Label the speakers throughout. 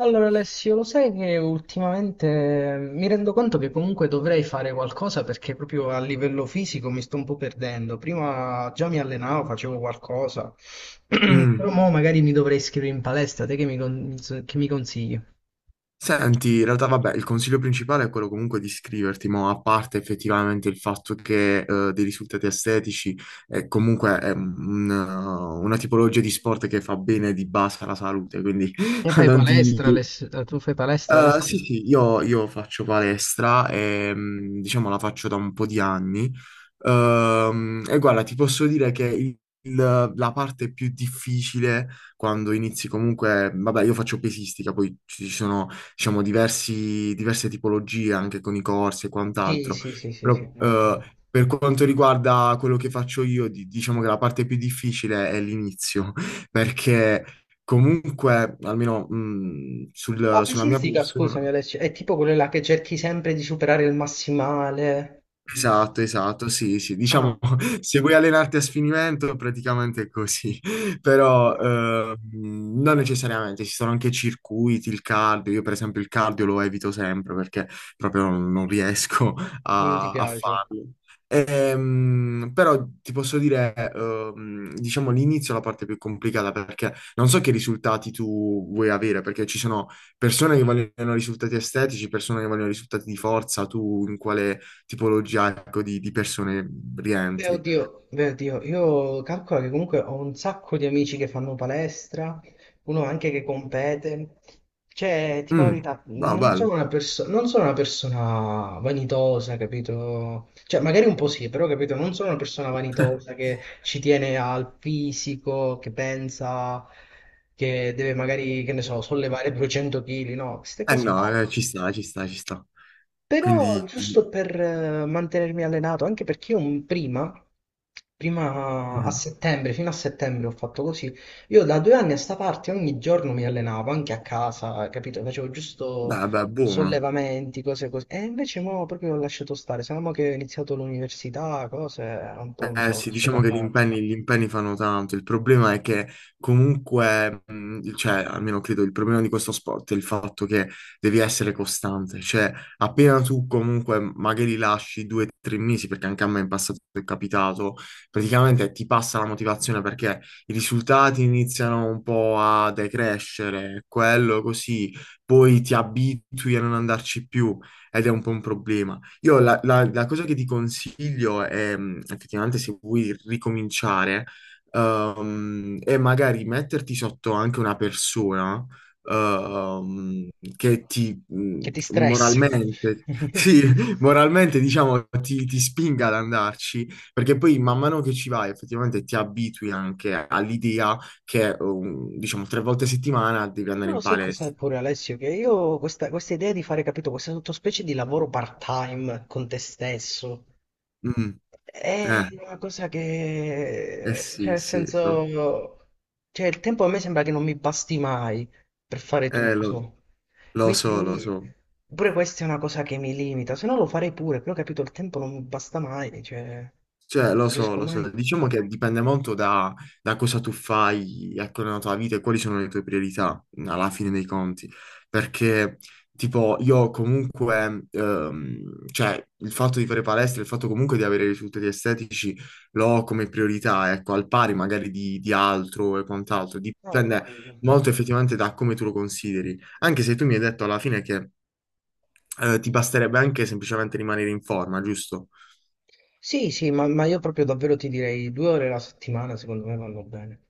Speaker 1: Allora Alessio, lo sai che ultimamente mi rendo conto che comunque dovrei fare qualcosa perché proprio a livello fisico mi sto un po' perdendo. Prima già mi allenavo, facevo qualcosa,
Speaker 2: Mm.
Speaker 1: però mo magari mi dovrei iscrivere in palestra. Te che mi consigli?
Speaker 2: Senti, in realtà vabbè, il consiglio principale è quello comunque di iscriverti, ma a parte effettivamente il fatto che dei risultati estetici è comunque una tipologia di sport che fa bene di base alla salute, quindi
Speaker 1: Te fai
Speaker 2: non
Speaker 1: palestra,
Speaker 2: ti.
Speaker 1: Alessio? Tu fai palestra, Alessio?
Speaker 2: Sì, sì, io faccio palestra e diciamo la faccio da un po' di anni. E guarda, ti posso dire che la parte più difficile quando inizi comunque, vabbè, io faccio pesistica, poi ci sono, diciamo, diverse tipologie anche con i corsi e
Speaker 1: Sì,
Speaker 2: quant'altro.
Speaker 1: sì, sì, sì,
Speaker 2: Però,
Speaker 1: sì, immagino.
Speaker 2: per quanto riguarda quello che faccio io, diciamo che la parte più difficile è l'inizio, perché. Comunque, almeno
Speaker 1: Ma
Speaker 2: sulla mia
Speaker 1: pesistica, scusami
Speaker 2: persona.
Speaker 1: Alessio, è tipo quella là che cerchi sempre di superare il massimale.
Speaker 2: Esatto, esatto, sì, sì,
Speaker 1: Ah,
Speaker 2: diciamo,
Speaker 1: ok.
Speaker 2: se vuoi allenarti a sfinimento, praticamente è così, però
Speaker 1: Ah.
Speaker 2: non necessariamente, ci sono anche circuiti, il cardio, io per esempio il cardio lo evito sempre perché proprio non riesco
Speaker 1: Non ti
Speaker 2: a
Speaker 1: piace?
Speaker 2: farlo. Però ti posso dire, diciamo, l'inizio è la parte più complicata perché non so che risultati tu vuoi avere, perché ci sono persone che vogliono risultati estetici, persone che vogliono risultati di forza, tu in quale tipologia ecco, di persone rientri.
Speaker 1: Beh, oddio, io calcolo che comunque ho un sacco di amici che fanno palestra, uno anche che compete. Cioè, tipo la
Speaker 2: Mm,
Speaker 1: verità,
Speaker 2: no,
Speaker 1: non sono
Speaker 2: bello.
Speaker 1: una persona, non sono una persona vanitosa, capito? Cioè, magari un po' sì, però, capito, non sono una persona vanitosa che ci tiene al fisico, che pensa che deve magari, che ne so, sollevare 200 kg, no, queste
Speaker 2: Eh
Speaker 1: cose
Speaker 2: no,
Speaker 1: no.
Speaker 2: ci sta, ci sta, ci sta.
Speaker 1: Però
Speaker 2: Quindi,
Speaker 1: giusto per mantenermi allenato, anche perché io prima a
Speaker 2: mm,
Speaker 1: settembre, fino a settembre ho fatto così, io da 2 anni a sta parte ogni giorno mi allenavo, anche a casa, capito? Facevo giusto
Speaker 2: beh, beh, buono.
Speaker 1: sollevamenti, cose così. E invece mo proprio ho lasciato stare, se no mo che ho iniziato l'università, cose, un po' mi
Speaker 2: Eh
Speaker 1: sono
Speaker 2: sì,
Speaker 1: lasciato
Speaker 2: diciamo che
Speaker 1: andare.
Speaker 2: gli impegni fanno tanto, il problema è che comunque, cioè almeno credo il problema di questo sport è il fatto che devi essere costante, cioè appena tu comunque magari lasci 2 o 3 mesi, perché anche a me in passato è capitato, praticamente ti passa la motivazione perché i risultati iniziano un po' a decrescere, quello così, poi ti abitui a non andarci più ed è un po' un problema. Io la cosa che ti consiglio è, effettivamente, se vuoi ricominciare, è magari metterti sotto anche una persona, ehm, che ti,
Speaker 1: Che ti stressi.
Speaker 2: moralmente, sì, moralmente, diciamo, ti spinga ad andarci, perché poi man mano che ci vai, effettivamente ti abitui anche all'idea che, diciamo, 3 volte a settimana devi andare
Speaker 1: Non lo
Speaker 2: in
Speaker 1: sai cos'è
Speaker 2: palestra.
Speaker 1: pure Alessio, che io questa idea di fare, capito, questa sottospecie di lavoro part-time con te stesso
Speaker 2: Mm,
Speaker 1: è
Speaker 2: eh,
Speaker 1: una cosa
Speaker 2: eh
Speaker 1: che, cioè,
Speaker 2: sì,
Speaker 1: nel
Speaker 2: sì,
Speaker 1: senso, cioè, il tempo a me sembra che non mi basti mai per fare
Speaker 2: eh, lo-
Speaker 1: tutto.
Speaker 2: Lo so, lo
Speaker 1: Quindi
Speaker 2: so.
Speaker 1: pure questa è una cosa che mi limita, se no lo farei pure, però capito, il tempo non mi basta mai, cioè,
Speaker 2: Cioè, lo
Speaker 1: non
Speaker 2: so,
Speaker 1: riesco
Speaker 2: lo so.
Speaker 1: mai.
Speaker 2: Diciamo che dipende molto da cosa tu fai, a qual è la tua vita e quali sono le tue priorità, alla fine dei conti. Perché, tipo, io comunque, cioè, il fatto di fare palestra, il fatto comunque di avere risultati estetici, lo ho come priorità, ecco, al pari magari di altro e quant'altro.
Speaker 1: No,
Speaker 2: Dipende
Speaker 1: ormai-
Speaker 2: molto effettivamente da come tu lo consideri. Anche se tu mi hai detto alla fine che, ti basterebbe anche semplicemente rimanere in forma, giusto?
Speaker 1: Sì, sì, ma io proprio davvero ti direi 2 ore alla settimana, secondo me vanno bene.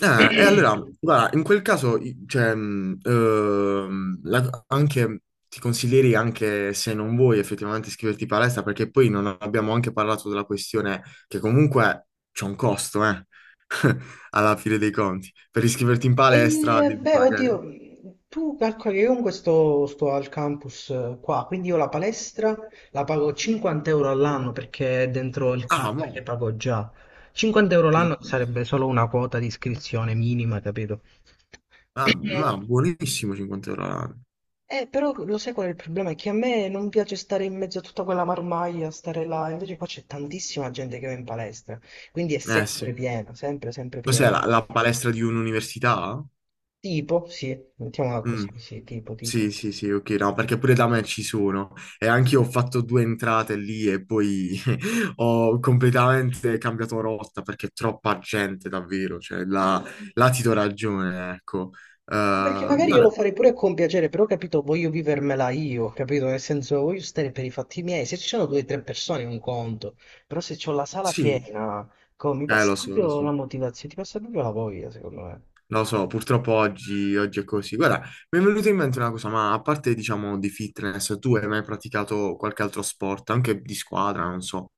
Speaker 2: Eh, e allora, guarda, in quel caso, cioè, anche, ti consiglierei anche se non vuoi effettivamente iscriverti in palestra, perché poi non abbiamo anche parlato della questione che comunque c'è un costo, alla fine dei conti. Per iscriverti in
Speaker 1: E
Speaker 2: palestra devi
Speaker 1: beh, oddio,
Speaker 2: pagare.
Speaker 1: tu calcoli, io comunque sto al campus qua, quindi io la palestra la pago 50 euro all'anno perché è dentro il
Speaker 2: Ah,
Speaker 1: canone che
Speaker 2: no,
Speaker 1: pago già. 50 euro l'anno
Speaker 2: bellissimo.
Speaker 1: sarebbe solo una quota di iscrizione minima, capito?
Speaker 2: Ah, ma buonissimo 50 euro all'anno.
Speaker 1: Però lo sai qual è il problema? È che a me non piace stare in mezzo a tutta quella marmaglia, stare là, invece qua c'è tantissima gente che va in palestra, quindi è
Speaker 2: Eh
Speaker 1: sempre
Speaker 2: sì.
Speaker 1: pieno, sempre, sempre
Speaker 2: Cos'è
Speaker 1: pieno.
Speaker 2: la palestra di un'università?
Speaker 1: Tipo, sì, mettiamola
Speaker 2: Mm.
Speaker 1: così, sì, tipo,
Speaker 2: Sì,
Speaker 1: tipo.
Speaker 2: sì, sì, ok, no, perché pure da me ci sono e anche io ho fatto due entrate lì e poi ho completamente cambiato rotta perché è troppa gente davvero, cioè là, là ti do ragione, ecco.
Speaker 1: Ma perché magari io lo
Speaker 2: Guarda,
Speaker 1: farei pure con piacere, però capito, voglio vivermela io, capito? Nel senso, voglio stare per i fatti miei. Se ci sono due o tre persone è un conto, però se c'ho la sala
Speaker 2: sì,
Speaker 1: piena, co- mi
Speaker 2: lo
Speaker 1: passa
Speaker 2: so, lo
Speaker 1: proprio la
Speaker 2: so,
Speaker 1: motivazione, ti passa proprio la voglia, secondo me.
Speaker 2: lo so, purtroppo oggi, oggi è così. Guarda, mi è venuta in mente una cosa, ma a parte diciamo di fitness, tu hai mai praticato qualche altro sport, anche di squadra, non so,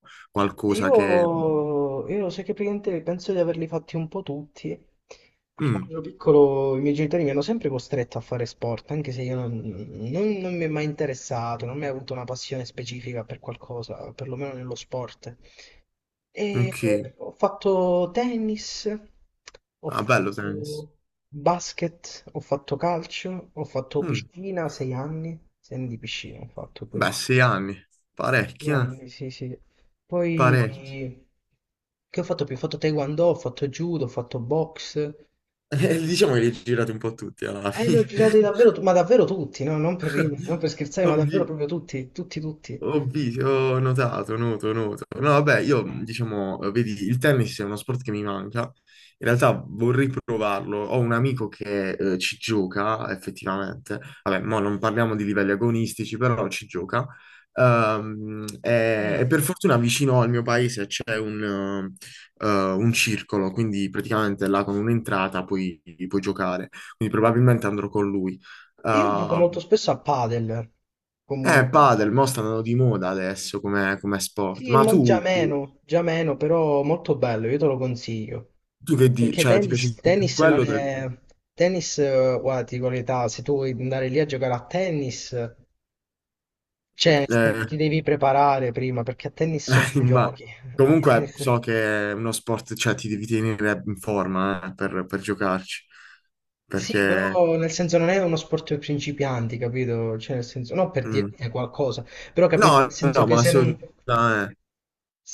Speaker 1: E
Speaker 2: qualcosa che...
Speaker 1: io sai che praticamente penso di averli fatti un po' tutti, eh. Perché
Speaker 2: Mm,
Speaker 1: quando ero piccolo i miei genitori mi hanno sempre costretto a fare sport, anche se io non mi è mai interessato, non mi hai avuto una passione specifica per qualcosa, perlomeno nello sport. E
Speaker 2: ok,
Speaker 1: ho fatto tennis, ho
Speaker 2: ah, bello tennis.
Speaker 1: fatto basket, ho fatto calcio, ho fatto
Speaker 2: Mm,
Speaker 1: piscina, 6 anni, sei anni di piscina ho fatto pure.
Speaker 2: beh, 6 anni,
Speaker 1: Sì,
Speaker 2: parecchi, eh?
Speaker 1: anche, sì, sì. Poi
Speaker 2: Parecchi.
Speaker 1: che ho fatto più? Ho fatto taekwondo, ho fatto judo, ho fatto box. Tutto.
Speaker 2: Diciamo che li hai girati un po' tutti alla
Speaker 1: Le ho
Speaker 2: fine.
Speaker 1: girate davvero, tu- ma davvero tutti, no? Non per ridere, non per scherzare, ma davvero
Speaker 2: Ovvi-
Speaker 1: proprio tutti, tutti, tutti.
Speaker 2: Ho visto, ho notato, noto, noto. No, vabbè, io diciamo, vedi, il tennis è uno sport che mi manca. In realtà vorrei provarlo. Ho un amico che ci gioca effettivamente. Vabbè, mo non parliamo di livelli agonistici, però ci gioca.
Speaker 1: Mm.
Speaker 2: E per fortuna vicino al mio paese c'è un circolo, quindi praticamente là con un'entrata puoi giocare. Quindi probabilmente andrò con lui.
Speaker 1: Io gioco molto
Speaker 2: Ehm,
Speaker 1: spesso a padel,
Speaker 2: padel,
Speaker 1: comunque.
Speaker 2: mo stanno di moda adesso come sport.
Speaker 1: Sì,
Speaker 2: Ma
Speaker 1: mo già meno, però molto bello, io te lo consiglio.
Speaker 2: tu che
Speaker 1: Perché
Speaker 2: cioè, ti piace
Speaker 1: tennis,
Speaker 2: di più
Speaker 1: tennis non
Speaker 2: quello del-
Speaker 1: è... Tennis, guarda, ti dico l'età, se tu vuoi andare lì a giocare a tennis... Cioè,
Speaker 2: eh,
Speaker 1: ti devi preparare prima perché a tennis non
Speaker 2: ma
Speaker 1: giochi. A
Speaker 2: comunque
Speaker 1: tennis...
Speaker 2: so che è uno sport, cioè, ti devi tenere in forma, per giocarci.
Speaker 1: Sì,
Speaker 2: Perché...
Speaker 1: però nel senso non è uno sport per principianti, capito? Cioè, nel senso, no per
Speaker 2: Mm.
Speaker 1: dirti qualcosa, però capito, nel
Speaker 2: No,
Speaker 1: senso
Speaker 2: no,
Speaker 1: che
Speaker 2: ma
Speaker 1: se non,
Speaker 2: assolutamente,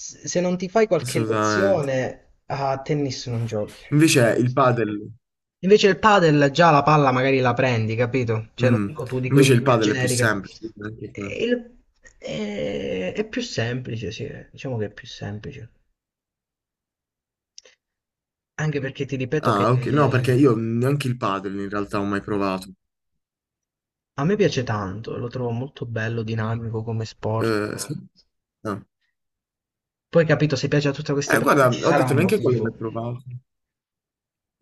Speaker 1: se non ti fai qualche
Speaker 2: assolutamente.
Speaker 1: lezione a tennis non giochi.
Speaker 2: Invece il padel...
Speaker 1: Invece il padel già la palla magari la prendi, capito? Cioè, non
Speaker 2: mm,
Speaker 1: dico tu, dico in
Speaker 2: Invece il
Speaker 1: linea
Speaker 2: padel è più
Speaker 1: generica.
Speaker 2: semplice anche qua.
Speaker 1: E il- è più semplice, sì, diciamo che è più semplice. Anche perché ti ripeto che
Speaker 2: Ah, ok. No, perché io neanche il padel in realtà ho mai provato.
Speaker 1: a me piace tanto, lo trovo molto bello, dinamico come sport.
Speaker 2: Sì? Ah.
Speaker 1: Poi capito, se piace a tutte queste
Speaker 2: Guarda,
Speaker 1: persone ci
Speaker 2: ho
Speaker 1: sarà
Speaker 2: detto
Speaker 1: un
Speaker 2: neanche quello che hai
Speaker 1: motivo.
Speaker 2: provato.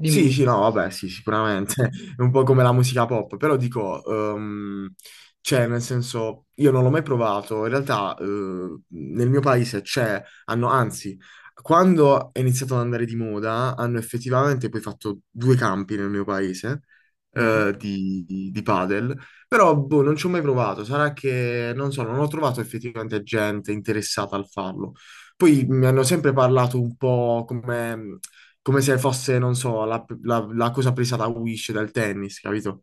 Speaker 1: Dimmi,
Speaker 2: Sì,
Speaker 1: dimmi.
Speaker 2: sì, no, vabbè, sì, sicuramente è un po' come la musica pop, però dico, cioè, nel senso, io non l'ho mai provato, in realtà nel mio paese c'è, hanno, anzi, quando è iniziato ad andare di moda, hanno effettivamente poi fatto due campi nel mio paese
Speaker 1: Mhm.
Speaker 2: di padel, però boh, non ci ho mai provato, sarà che, non so, non ho trovato effettivamente gente interessata al farlo. Poi mi hanno sempre parlato un po' come se fosse, non so, la cosa presa da Wish, dal tennis, capito?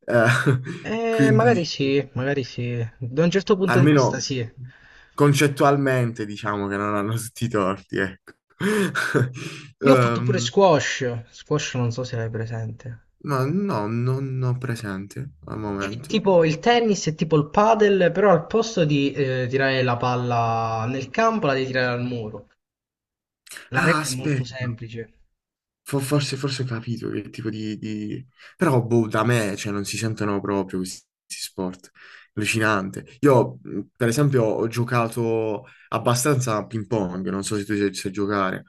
Speaker 2: Eh, quindi,
Speaker 1: Magari sì, magari sì. Da un certo punto di vista
Speaker 2: almeno
Speaker 1: sì.
Speaker 2: concettualmente, diciamo che non hanno tutti i torti, ecco.
Speaker 1: Io ho fatto pure
Speaker 2: Ehm,
Speaker 1: squash, squash non so se l'hai presente.
Speaker 2: ma no, non ho presente al
Speaker 1: È
Speaker 2: momento.
Speaker 1: tipo il tennis, è tipo il padel, però al posto di tirare la palla nel campo la devi tirare al muro. La
Speaker 2: Ah,
Speaker 1: regola è molto
Speaker 2: aspetta.
Speaker 1: semplice.
Speaker 2: Forse ho capito che tipo di-. Però, boh, da me, cioè, non si sentono proprio questi sport. Allucinante. Io, per esempio, ho giocato abbastanza a ping pong, non so se tu sai giocare.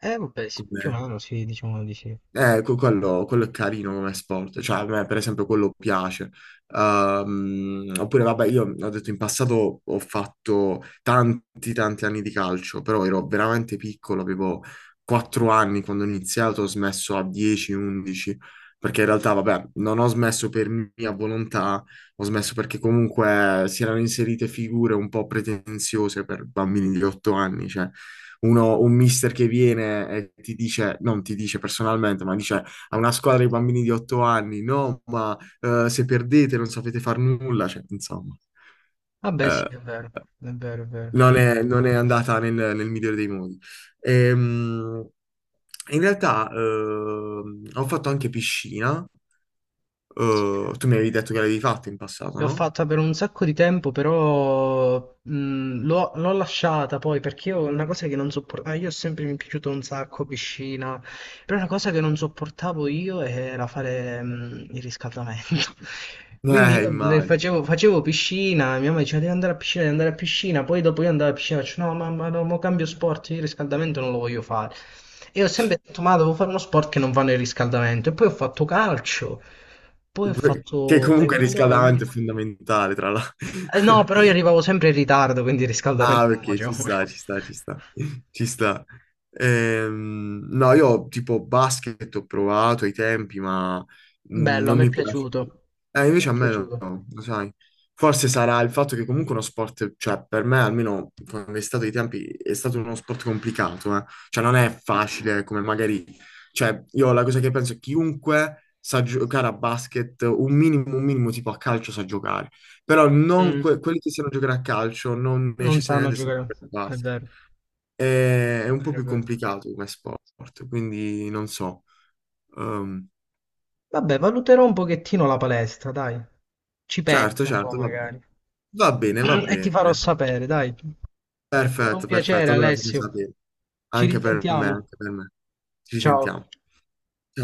Speaker 1: Eh vabbè, sì, più o meno sì, diciamo di sì.
Speaker 2: Quello è carino come sport, cioè a me per esempio quello piace. Oppure vabbè, io ho detto in passato ho fatto tanti tanti anni di calcio, però ero veramente piccolo, avevo 4 anni quando ho iniziato, ho smesso a 10-11, perché in realtà vabbè, non ho smesso per mia volontà, ho smesso perché comunque si erano inserite figure un po' pretenziose per bambini di 8 anni, cioè un mister che viene e ti dice, non ti dice personalmente, ma dice a una squadra di bambini di 8 anni, no, ma se perdete non sapete far nulla, cioè, insomma,
Speaker 1: Vabbè sì,
Speaker 2: eh,
Speaker 1: è vero, è vero, è vero.
Speaker 2: non è andata nel migliore dei modi. Ehm, in realtà ho fatto anche piscina,
Speaker 1: Sì.
Speaker 2: tu mi avevi detto che l'avevi fatto in passato,
Speaker 1: L'ho
Speaker 2: no?
Speaker 1: fatta per un sacco di tempo, però l'ho lasciata poi perché io una cosa che non sopportavo, io ho sempre mi è piaciuto un sacco piscina, però una cosa che non sopportavo io era fare il riscaldamento. Quindi io ne
Speaker 2: Immagino.
Speaker 1: facevo, facevo piscina, mia mamma diceva devi andare a piscina, devi andare a piscina, poi dopo io andavo a piscina, faccio no mamma, no, mo cambio sport, io il riscaldamento non lo voglio fare. E ho sempre detto ma devo fare uno sport che non va nel riscaldamento, e poi ho fatto calcio, poi ho
Speaker 2: Che
Speaker 1: fatto
Speaker 2: comunque il
Speaker 1: taekwondo, non mi
Speaker 2: riscaldamento è
Speaker 1: ricordo.
Speaker 2: fondamentale, tra l'altro.
Speaker 1: No, però io arrivavo sempre in ritardo, quindi il
Speaker 2: Ah,
Speaker 1: riscaldamento non lo
Speaker 2: ok, ci
Speaker 1: facevo.
Speaker 2: sta, ci sta, ci sta, ci sta. No, io tipo basket ho provato ai tempi, ma
Speaker 1: Bello, a
Speaker 2: non
Speaker 1: me è
Speaker 2: mi piace.
Speaker 1: piaciuto. A me
Speaker 2: Invece
Speaker 1: è
Speaker 2: a me no,
Speaker 1: piaciuto.
Speaker 2: no, lo sai. Forse sarà il fatto che comunque uno sport, cioè per me almeno quando è stato ai tempi, è stato uno sport complicato, eh. Cioè non è facile come magari... Cioè io la cosa che penso è chiunque sa giocare a basket, un minimo, tipo a calcio sa giocare però non
Speaker 1: Mm,
Speaker 2: quelli che sanno giocare a calcio non
Speaker 1: non sanno
Speaker 2: necessariamente sanno
Speaker 1: giocare.
Speaker 2: giocare a
Speaker 1: È
Speaker 2: basket.
Speaker 1: vero,
Speaker 2: È
Speaker 1: è
Speaker 2: un po'
Speaker 1: vero, è
Speaker 2: più
Speaker 1: vero.
Speaker 2: complicato come sport, quindi non so. Ehm,
Speaker 1: Vabbè, valuterò un pochettino la palestra, dai. Ci
Speaker 2: certo,
Speaker 1: penso un po'
Speaker 2: certo, va bene.
Speaker 1: magari.
Speaker 2: Va bene, va
Speaker 1: E ti
Speaker 2: bene.
Speaker 1: farò sapere, dai. È stato un
Speaker 2: Perfetto,
Speaker 1: piacere,
Speaker 2: perfetto. Allora fammi
Speaker 1: Alessio.
Speaker 2: sapere.
Speaker 1: Ci
Speaker 2: Anche per me,
Speaker 1: risentiamo.
Speaker 2: anche per me. Ci
Speaker 1: Ciao.
Speaker 2: sentiamo. Ciao.